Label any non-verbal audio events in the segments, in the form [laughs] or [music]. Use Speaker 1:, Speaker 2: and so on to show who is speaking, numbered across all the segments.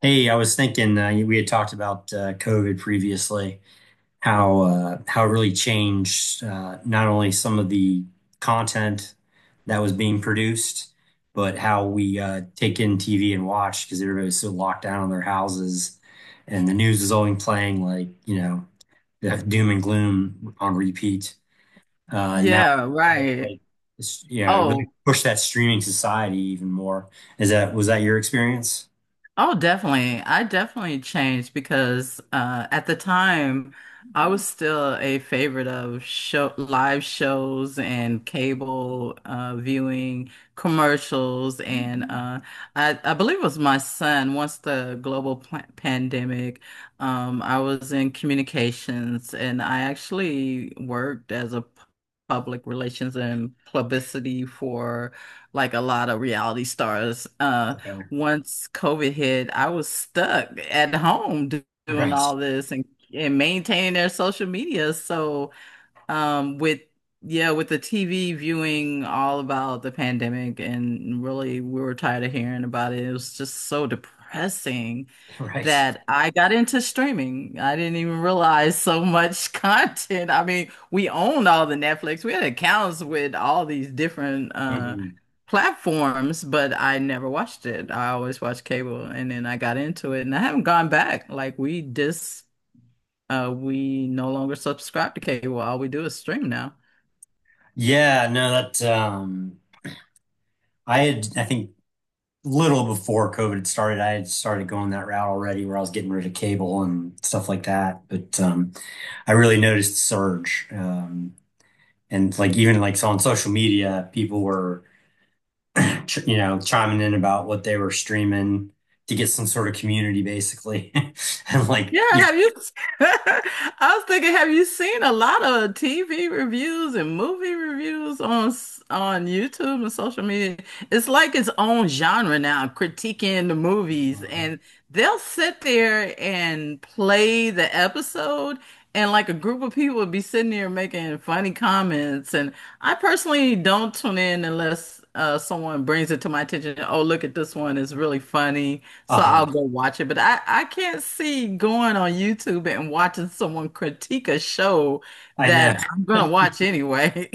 Speaker 1: Hey, I was thinking we had talked about COVID previously, how how it really changed not only some of the content that was being produced, but how we take in TV and watch because everybody's so locked down in their houses, and the news is only playing like the doom and gloom on repeat. And now,
Speaker 2: Yeah, right. Yeah.
Speaker 1: like yeah, it really
Speaker 2: Oh,
Speaker 1: pushed that streaming society even more. Is that Was that your experience?
Speaker 2: Oh, definitely. I definitely changed because at the time I was still a favorite of show live shows and cable viewing commercials and I believe it was my son once the global pandemic I was in communications and I actually worked as a public relations and publicity for like a lot of reality stars.
Speaker 1: Okay.
Speaker 2: Once COVID hit, I was stuck at home doing
Speaker 1: Right,
Speaker 2: all this and maintaining their social media. So um, with yeah, with the TV viewing all about the pandemic, and really we were tired of hearing about it. It was just so depressing
Speaker 1: [laughs] right.
Speaker 2: that I got into streaming. I didn't even realize so much [laughs] content. I mean, we owned all the Netflix. We had accounts with all these different
Speaker 1: Hmm.
Speaker 2: platforms, but I never watched it. I always watched cable, and then I got into it, and I haven't gone back. Like we just we no longer subscribe to cable. All we do is stream now.
Speaker 1: Yeah, no, that um, I had I think little before COVID had started, I had started going that route already where I was getting rid of cable and stuff like that. But um, I really noticed the surge. Um, and like even like so on social media, people were chiming in about what they were streaming to get some sort of community basically. [laughs] And like
Speaker 2: Yeah, have you? [laughs] I was thinking, have you seen a lot of TV reviews and movie reviews on on YouTube and social media? It's like its own genre now, critiquing the movies,
Speaker 1: know,
Speaker 2: and they'll sit there and play the episode, and like a group of people would be sitting there making funny comments. And I personally don't tune in unless someone brings it to my attention. Oh, look at this one; it's really funny, so
Speaker 1: uh,
Speaker 2: I'll go watch it, but I can't see going on YouTube and watching someone critique a show
Speaker 1: I
Speaker 2: that
Speaker 1: know.
Speaker 2: I'm gonna watch anyway.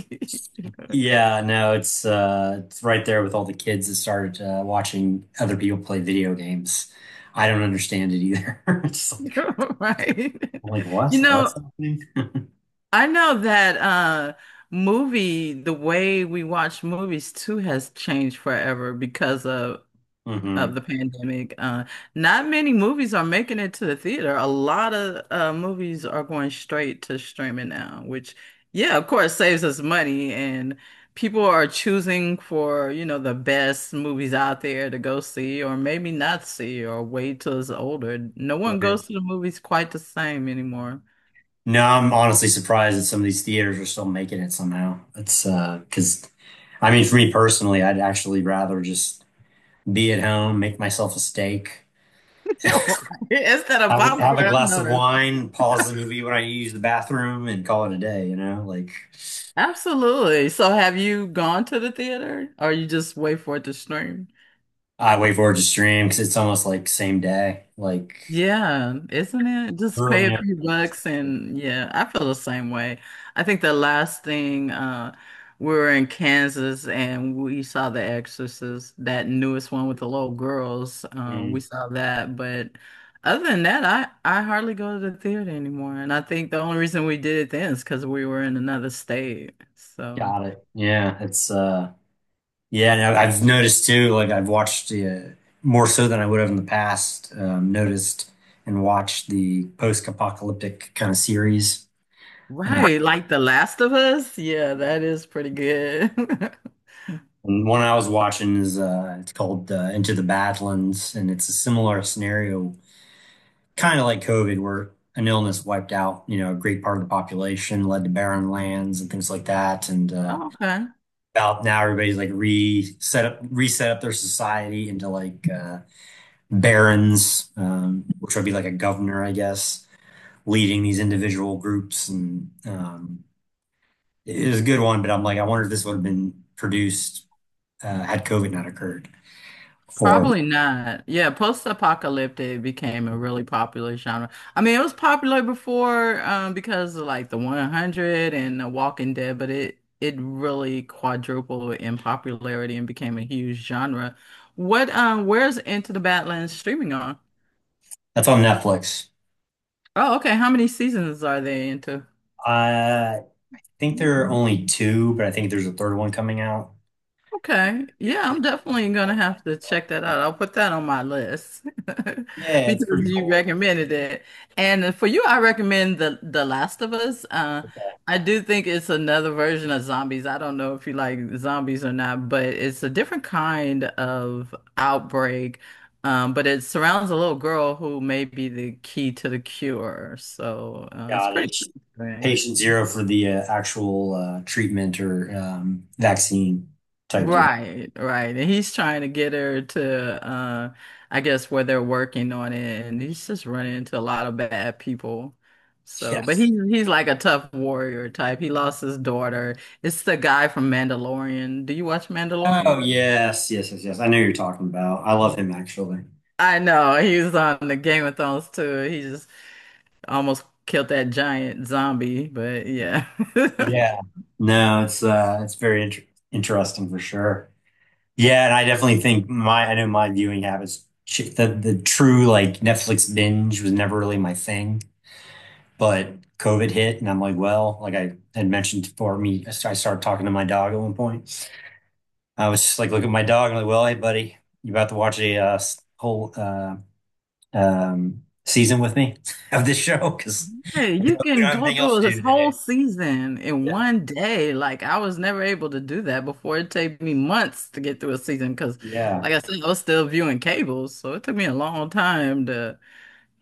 Speaker 2: [laughs]
Speaker 1: Yeah, no, it's right there with all the kids that started watching other people play video games. I don't understand it either. [laughs] It's like
Speaker 2: Right.
Speaker 1: I'm like what?
Speaker 2: You
Speaker 1: What's
Speaker 2: know,
Speaker 1: happening? [laughs]
Speaker 2: I know that movie, the way we watch movies too has changed forever because of
Speaker 1: Hmm.
Speaker 2: the pandemic. Not many movies are making it to the theater. A lot of movies are going straight to streaming now, which, yeah, of course, saves us money. And people are choosing for, you know, the best movies out there to go see, or maybe not see, or wait till it's older. No one
Speaker 1: Right.
Speaker 2: goes to the movies quite the same anymore.
Speaker 1: No, I'm honestly surprised that some of these theaters are still making it somehow. It's because I mean for me personally, I'd actually rather just be at home, make myself a steak,
Speaker 2: [laughs] Instead of
Speaker 1: have have a
Speaker 2: popcorn, I
Speaker 1: glass
Speaker 2: know
Speaker 1: of
Speaker 2: that.
Speaker 1: wine, pause the movie when I use the bathroom and call it a day, you know? Like
Speaker 2: Absolutely. So, have you gone to the theater, or you just wait for it to stream?
Speaker 1: I wait for it to stream because it's almost like same day, like
Speaker 2: Yeah, isn't it? Just
Speaker 1: early
Speaker 2: pay a
Speaker 1: next.
Speaker 2: few
Speaker 1: Week.
Speaker 2: bucks
Speaker 1: Like,
Speaker 2: and yeah, I feel the same way. I think the last thing we were in Kansas and we saw The Exorcist, that newest one with the little girls. We
Speaker 1: mm,
Speaker 2: saw that, but other than that, I hardly go to the theater anymore. And I think the only reason we did it then is because we were in another state. So,
Speaker 1: got it. Yeah, it's yeah. And I've noticed too. Like I've watched more so than I would have in the past. Noticed and watched the post-apocalyptic kind of series. Uh,
Speaker 2: right, like The Last of Us, yeah, that is pretty good. [laughs]
Speaker 1: and one I was watching is it's called Into the Badlands, and it's a similar scenario kind of like COVID, where an illness wiped out, you know, a great part of the population, led to barren lands and things like that. And
Speaker 2: Okay.
Speaker 1: about now, everybody's like reset up their society into like barons, which would be like a governor, I guess, leading these individual groups. And it was a good one, but I'm like, I wonder if this would have been produced had COVID not occurred. Or
Speaker 2: Probably not. Yeah, post-apocalyptic became a really popular genre. I mean, it was popular before because of like the 100 and The Walking Dead, but it really quadrupled in popularity and became a huge genre. What where's Into the Badlands streaming on?
Speaker 1: that's on Netflix.
Speaker 2: Oh, okay. How many seasons are they into?
Speaker 1: I think there are only two, but I think there's a third one coming out.
Speaker 2: Okay. Yeah, I'm definitely gonna have to check that out. I'll put that on my list [laughs]
Speaker 1: Yeah, it's
Speaker 2: because
Speaker 1: pretty
Speaker 2: you
Speaker 1: cool.
Speaker 2: recommended it. And for you, I recommend the Last of Us.
Speaker 1: Okay,
Speaker 2: I do think it's another version of zombies. I don't know if you like zombies or not, but it's a different kind of outbreak. But it surrounds a little girl who may be the key to the cure. So it's
Speaker 1: got it.
Speaker 2: pretty interesting.
Speaker 1: Patient zero for the actual treatment or vaccine type deal.
Speaker 2: Right, right. And he's trying to get her to I guess where they're working on it and he's just running into a lot of bad people. So, but he's
Speaker 1: Yes.
Speaker 2: he's like a tough warrior type. He lost his daughter. It's the guy from Mandalorian. Do you watch
Speaker 1: Oh,
Speaker 2: Mandalorian?
Speaker 1: yes, yes, yes, yes. I know who you're talking about. I love him actually.
Speaker 2: I know. He was on the Game of Thrones too. He just almost killed that giant zombie, but yeah. [laughs]
Speaker 1: Yeah. No, it's very interesting for sure. Yeah, and I definitely think my I know my viewing habits. The true like Netflix binge was never really my thing. But COVID hit, and I'm like, well, like I had mentioned before, me, I started talking to my dog at one point. I was just like, look at my dog, and I'm like, well, hey, buddy, you about to watch a whole season with me [laughs] of this show because
Speaker 2: Hey, you
Speaker 1: we don't
Speaker 2: can
Speaker 1: have
Speaker 2: go
Speaker 1: anything else
Speaker 2: through
Speaker 1: to
Speaker 2: this
Speaker 1: do
Speaker 2: whole
Speaker 1: today.
Speaker 2: season in
Speaker 1: Yeah,
Speaker 2: one day. Like I was never able to do that before. It took me months to get through a season because,
Speaker 1: yeah,
Speaker 2: like I said, I was still viewing cables, so it took me a long time to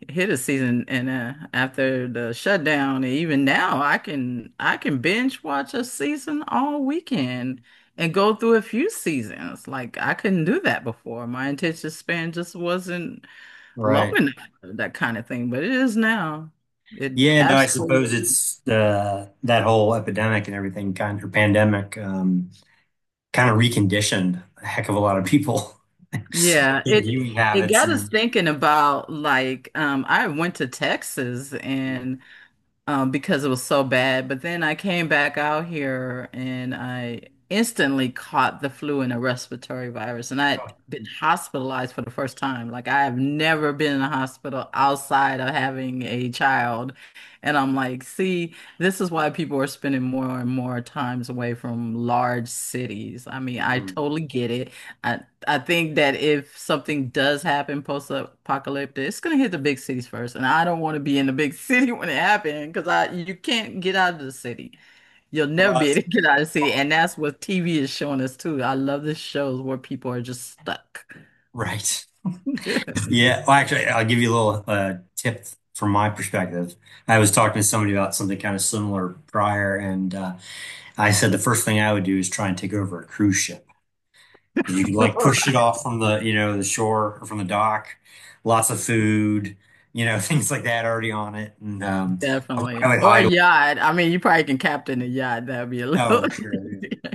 Speaker 2: hit a season. And after the shutdown, and even now, I can binge watch a season all weekend and go through a few seasons. Like I couldn't do that before. My attention span just wasn't low
Speaker 1: right.
Speaker 2: enough for that kind of thing, but it is now. It
Speaker 1: Yeah, no, I suppose
Speaker 2: absolutely,
Speaker 1: it's that whole epidemic and everything kind of or pandemic kind of reconditioned a heck of a lot of people [laughs] with
Speaker 2: yeah.
Speaker 1: their
Speaker 2: It
Speaker 1: viewing habits
Speaker 2: got us
Speaker 1: and.
Speaker 2: thinking about like I went to Texas
Speaker 1: Oh,
Speaker 2: and because it was so bad. But then I came back out here and I instantly caught the flu and a respiratory virus. And I had been hospitalized for the first time. Like I have never been in a hospital outside of having a child. And I'm like, see, this is why people are spending more and more times away from large cities. I mean, I
Speaker 1: mm-hmm.
Speaker 2: totally get it. I, I think that if something does happen post-apocalyptic, it's gonna hit the big cities first, and I don't want to be in the big city [laughs] when it happens because I you can't get out of the city. You'll never
Speaker 1: Uh,
Speaker 2: be able to get out of the city, and that's what TV is showing us too. I love the shows where people are just stuck.
Speaker 1: right. [laughs]
Speaker 2: [laughs]
Speaker 1: Yeah. Well, actually, I'll give you a little tip from my perspective. I was talking to somebody about something kind of similar prior, and I said the first thing I would do is try and take over a cruise ship. 'Cause you could like push it
Speaker 2: Right.
Speaker 1: off from the, you know, the shore or from the dock, lots of food, you know, [laughs] things like that already on it. And I
Speaker 2: Definitely,
Speaker 1: would
Speaker 2: or a
Speaker 1: hide.
Speaker 2: yacht. I mean, you probably can captain a yacht. That'd be a little
Speaker 1: Oh, sure.
Speaker 2: [laughs]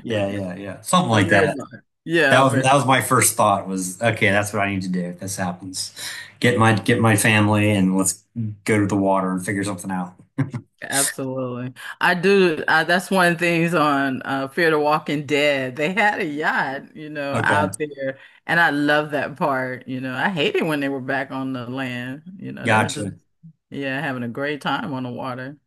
Speaker 1: Yeah. Yeah. Yeah. Yeah. Something
Speaker 2: a
Speaker 1: like
Speaker 2: very
Speaker 1: that.
Speaker 2: large. Yeah, very.
Speaker 1: That was my first thought was okay, that's what I need to do if this happens. Get my family and let's go to the water and figure something out. [laughs]
Speaker 2: Absolutely. I do. That's one of the things on Fear the Walking Dead. They had a yacht, you know,
Speaker 1: Okay.
Speaker 2: out there. And I love that part. You know, I hated when they were back on the land. You know, they were just,
Speaker 1: Gotcha.
Speaker 2: yeah, having a great time on the water.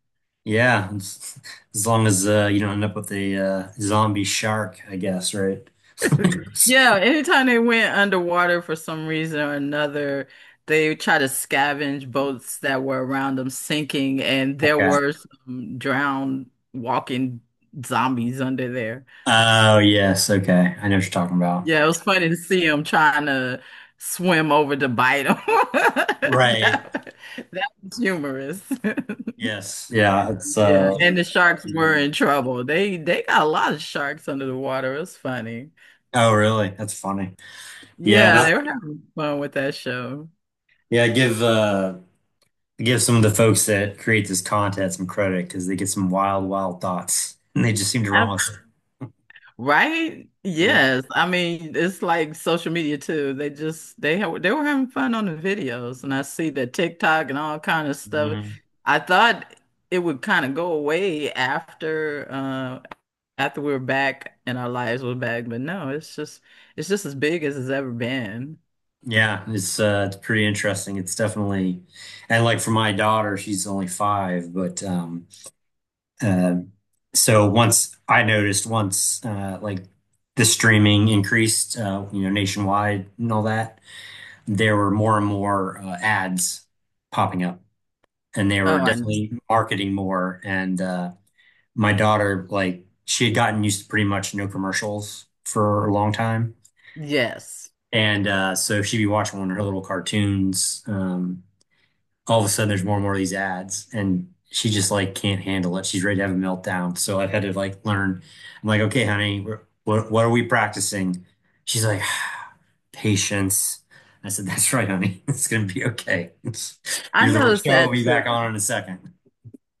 Speaker 1: Yeah. As long as you don't end up with a zombie shark, I guess, right? [laughs] Okay.
Speaker 2: Yeah, anytime they went underwater for some reason or another, they tried to scavenge boats that were around them sinking. And there were some drowned walking zombies under there.
Speaker 1: Oh, yes. Okay. I know what you're talking about.
Speaker 2: Yeah, it was funny to see him trying to swim over to bite him. [laughs]
Speaker 1: Right.
Speaker 2: That, that was humorous. [laughs]
Speaker 1: Yes. Yeah, it's
Speaker 2: Yeah, and the sharks were
Speaker 1: oh,
Speaker 2: in trouble. They got a lot of sharks under the water. It was funny.
Speaker 1: really? That's funny. Yeah,
Speaker 2: Yeah,
Speaker 1: not
Speaker 2: they were having fun with that show.
Speaker 1: yeah, give some of the folks that create this content some credit because they get some wild, wild thoughts and they just seem to run
Speaker 2: I-
Speaker 1: with
Speaker 2: right?
Speaker 1: it. Yeah.
Speaker 2: Yes. I mean, it's like social media too. They were having fun on the videos, and I see the TikTok and all kind of stuff.
Speaker 1: Hmm.
Speaker 2: I thought it would kind of go away after after we were back and our lives were back, but no, it's just as big as it's ever been.
Speaker 1: Yeah, it's pretty interesting. It's definitely and like for my daughter, she's only five, but uh, so once I noticed once like the streaming increased you know nationwide and all that, there were more and more ads popping up and they
Speaker 2: Oh,
Speaker 1: were
Speaker 2: I know.
Speaker 1: definitely marketing more and my daughter, like, she had gotten used to pretty much no commercials for a long time.
Speaker 2: Yes.
Speaker 1: And so she'd be watching one of her little cartoons. All of a sudden, there's more and more of these ads, and she just like can't handle it. She's ready to have a meltdown. So I've had to like learn. I'm like, okay, honey, we're, what are we practicing? She's like, [sighs] patience. I said, that's right, honey. [laughs] It's gonna be okay. [laughs]
Speaker 2: I
Speaker 1: You're the
Speaker 2: noticed
Speaker 1: show will
Speaker 2: that
Speaker 1: be back
Speaker 2: too.
Speaker 1: on in a second.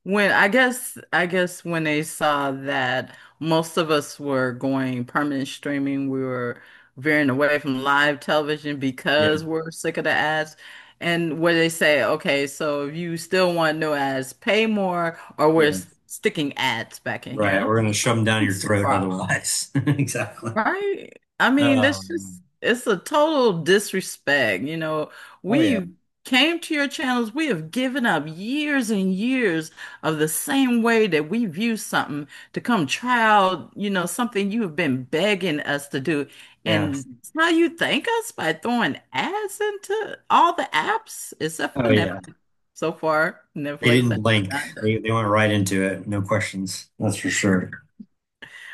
Speaker 2: When, I guess when they saw that most of us were going permanent streaming, we were veering away from live television
Speaker 1: Yeah,
Speaker 2: because we're sick of the ads. And where they say, okay, so if you still want no ads, pay more, or we're
Speaker 1: yeah.
Speaker 2: sticking ads back in here.
Speaker 1: Right,
Speaker 2: And I'm
Speaker 1: we're
Speaker 2: like,
Speaker 1: gonna shove them down your
Speaker 2: it's a
Speaker 1: throat
Speaker 2: crime.
Speaker 1: otherwise. [laughs] Exactly.
Speaker 2: Right? I mean, that's
Speaker 1: Um,
Speaker 2: just, it's a total disrespect. You know,
Speaker 1: oh yeah,
Speaker 2: we came to your channels, we have given up years and years of the same way that we view something to come try out, you know, something you have been begging us to do.
Speaker 1: yeah.
Speaker 2: And now you thank us by throwing ads into all the apps except for
Speaker 1: Oh yeah.
Speaker 2: Netflix. So far,
Speaker 1: They
Speaker 2: Netflix has
Speaker 1: didn't blink.
Speaker 2: not done-
Speaker 1: They went right into it. No questions. That's for sure.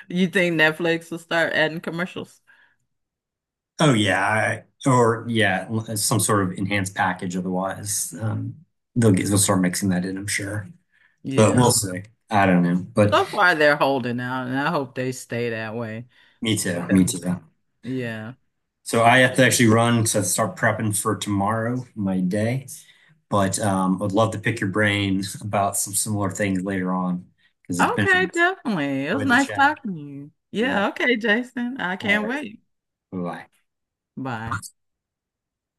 Speaker 2: You think Netflix will start adding commercials?
Speaker 1: Oh yeah, I, or yeah, some sort of enhanced package otherwise. They'll start mixing that in, I'm sure. But
Speaker 2: Yeah.
Speaker 1: we'll see. I don't know. But
Speaker 2: So far, they're holding out, and I hope they stay that way
Speaker 1: me too. Me
Speaker 2: because,
Speaker 1: too.
Speaker 2: yeah.
Speaker 1: So I have to actually run to start prepping for tomorrow, my day. But I'd love to pick your brain about some similar things later on because it's been
Speaker 2: Okay, definitely. It was
Speaker 1: enjoy the
Speaker 2: nice
Speaker 1: chat.
Speaker 2: talking to you.
Speaker 1: Yeah.
Speaker 2: Yeah, okay, Jason. I
Speaker 1: All
Speaker 2: can't
Speaker 1: right.
Speaker 2: wait.
Speaker 1: Bye-bye.
Speaker 2: Bye.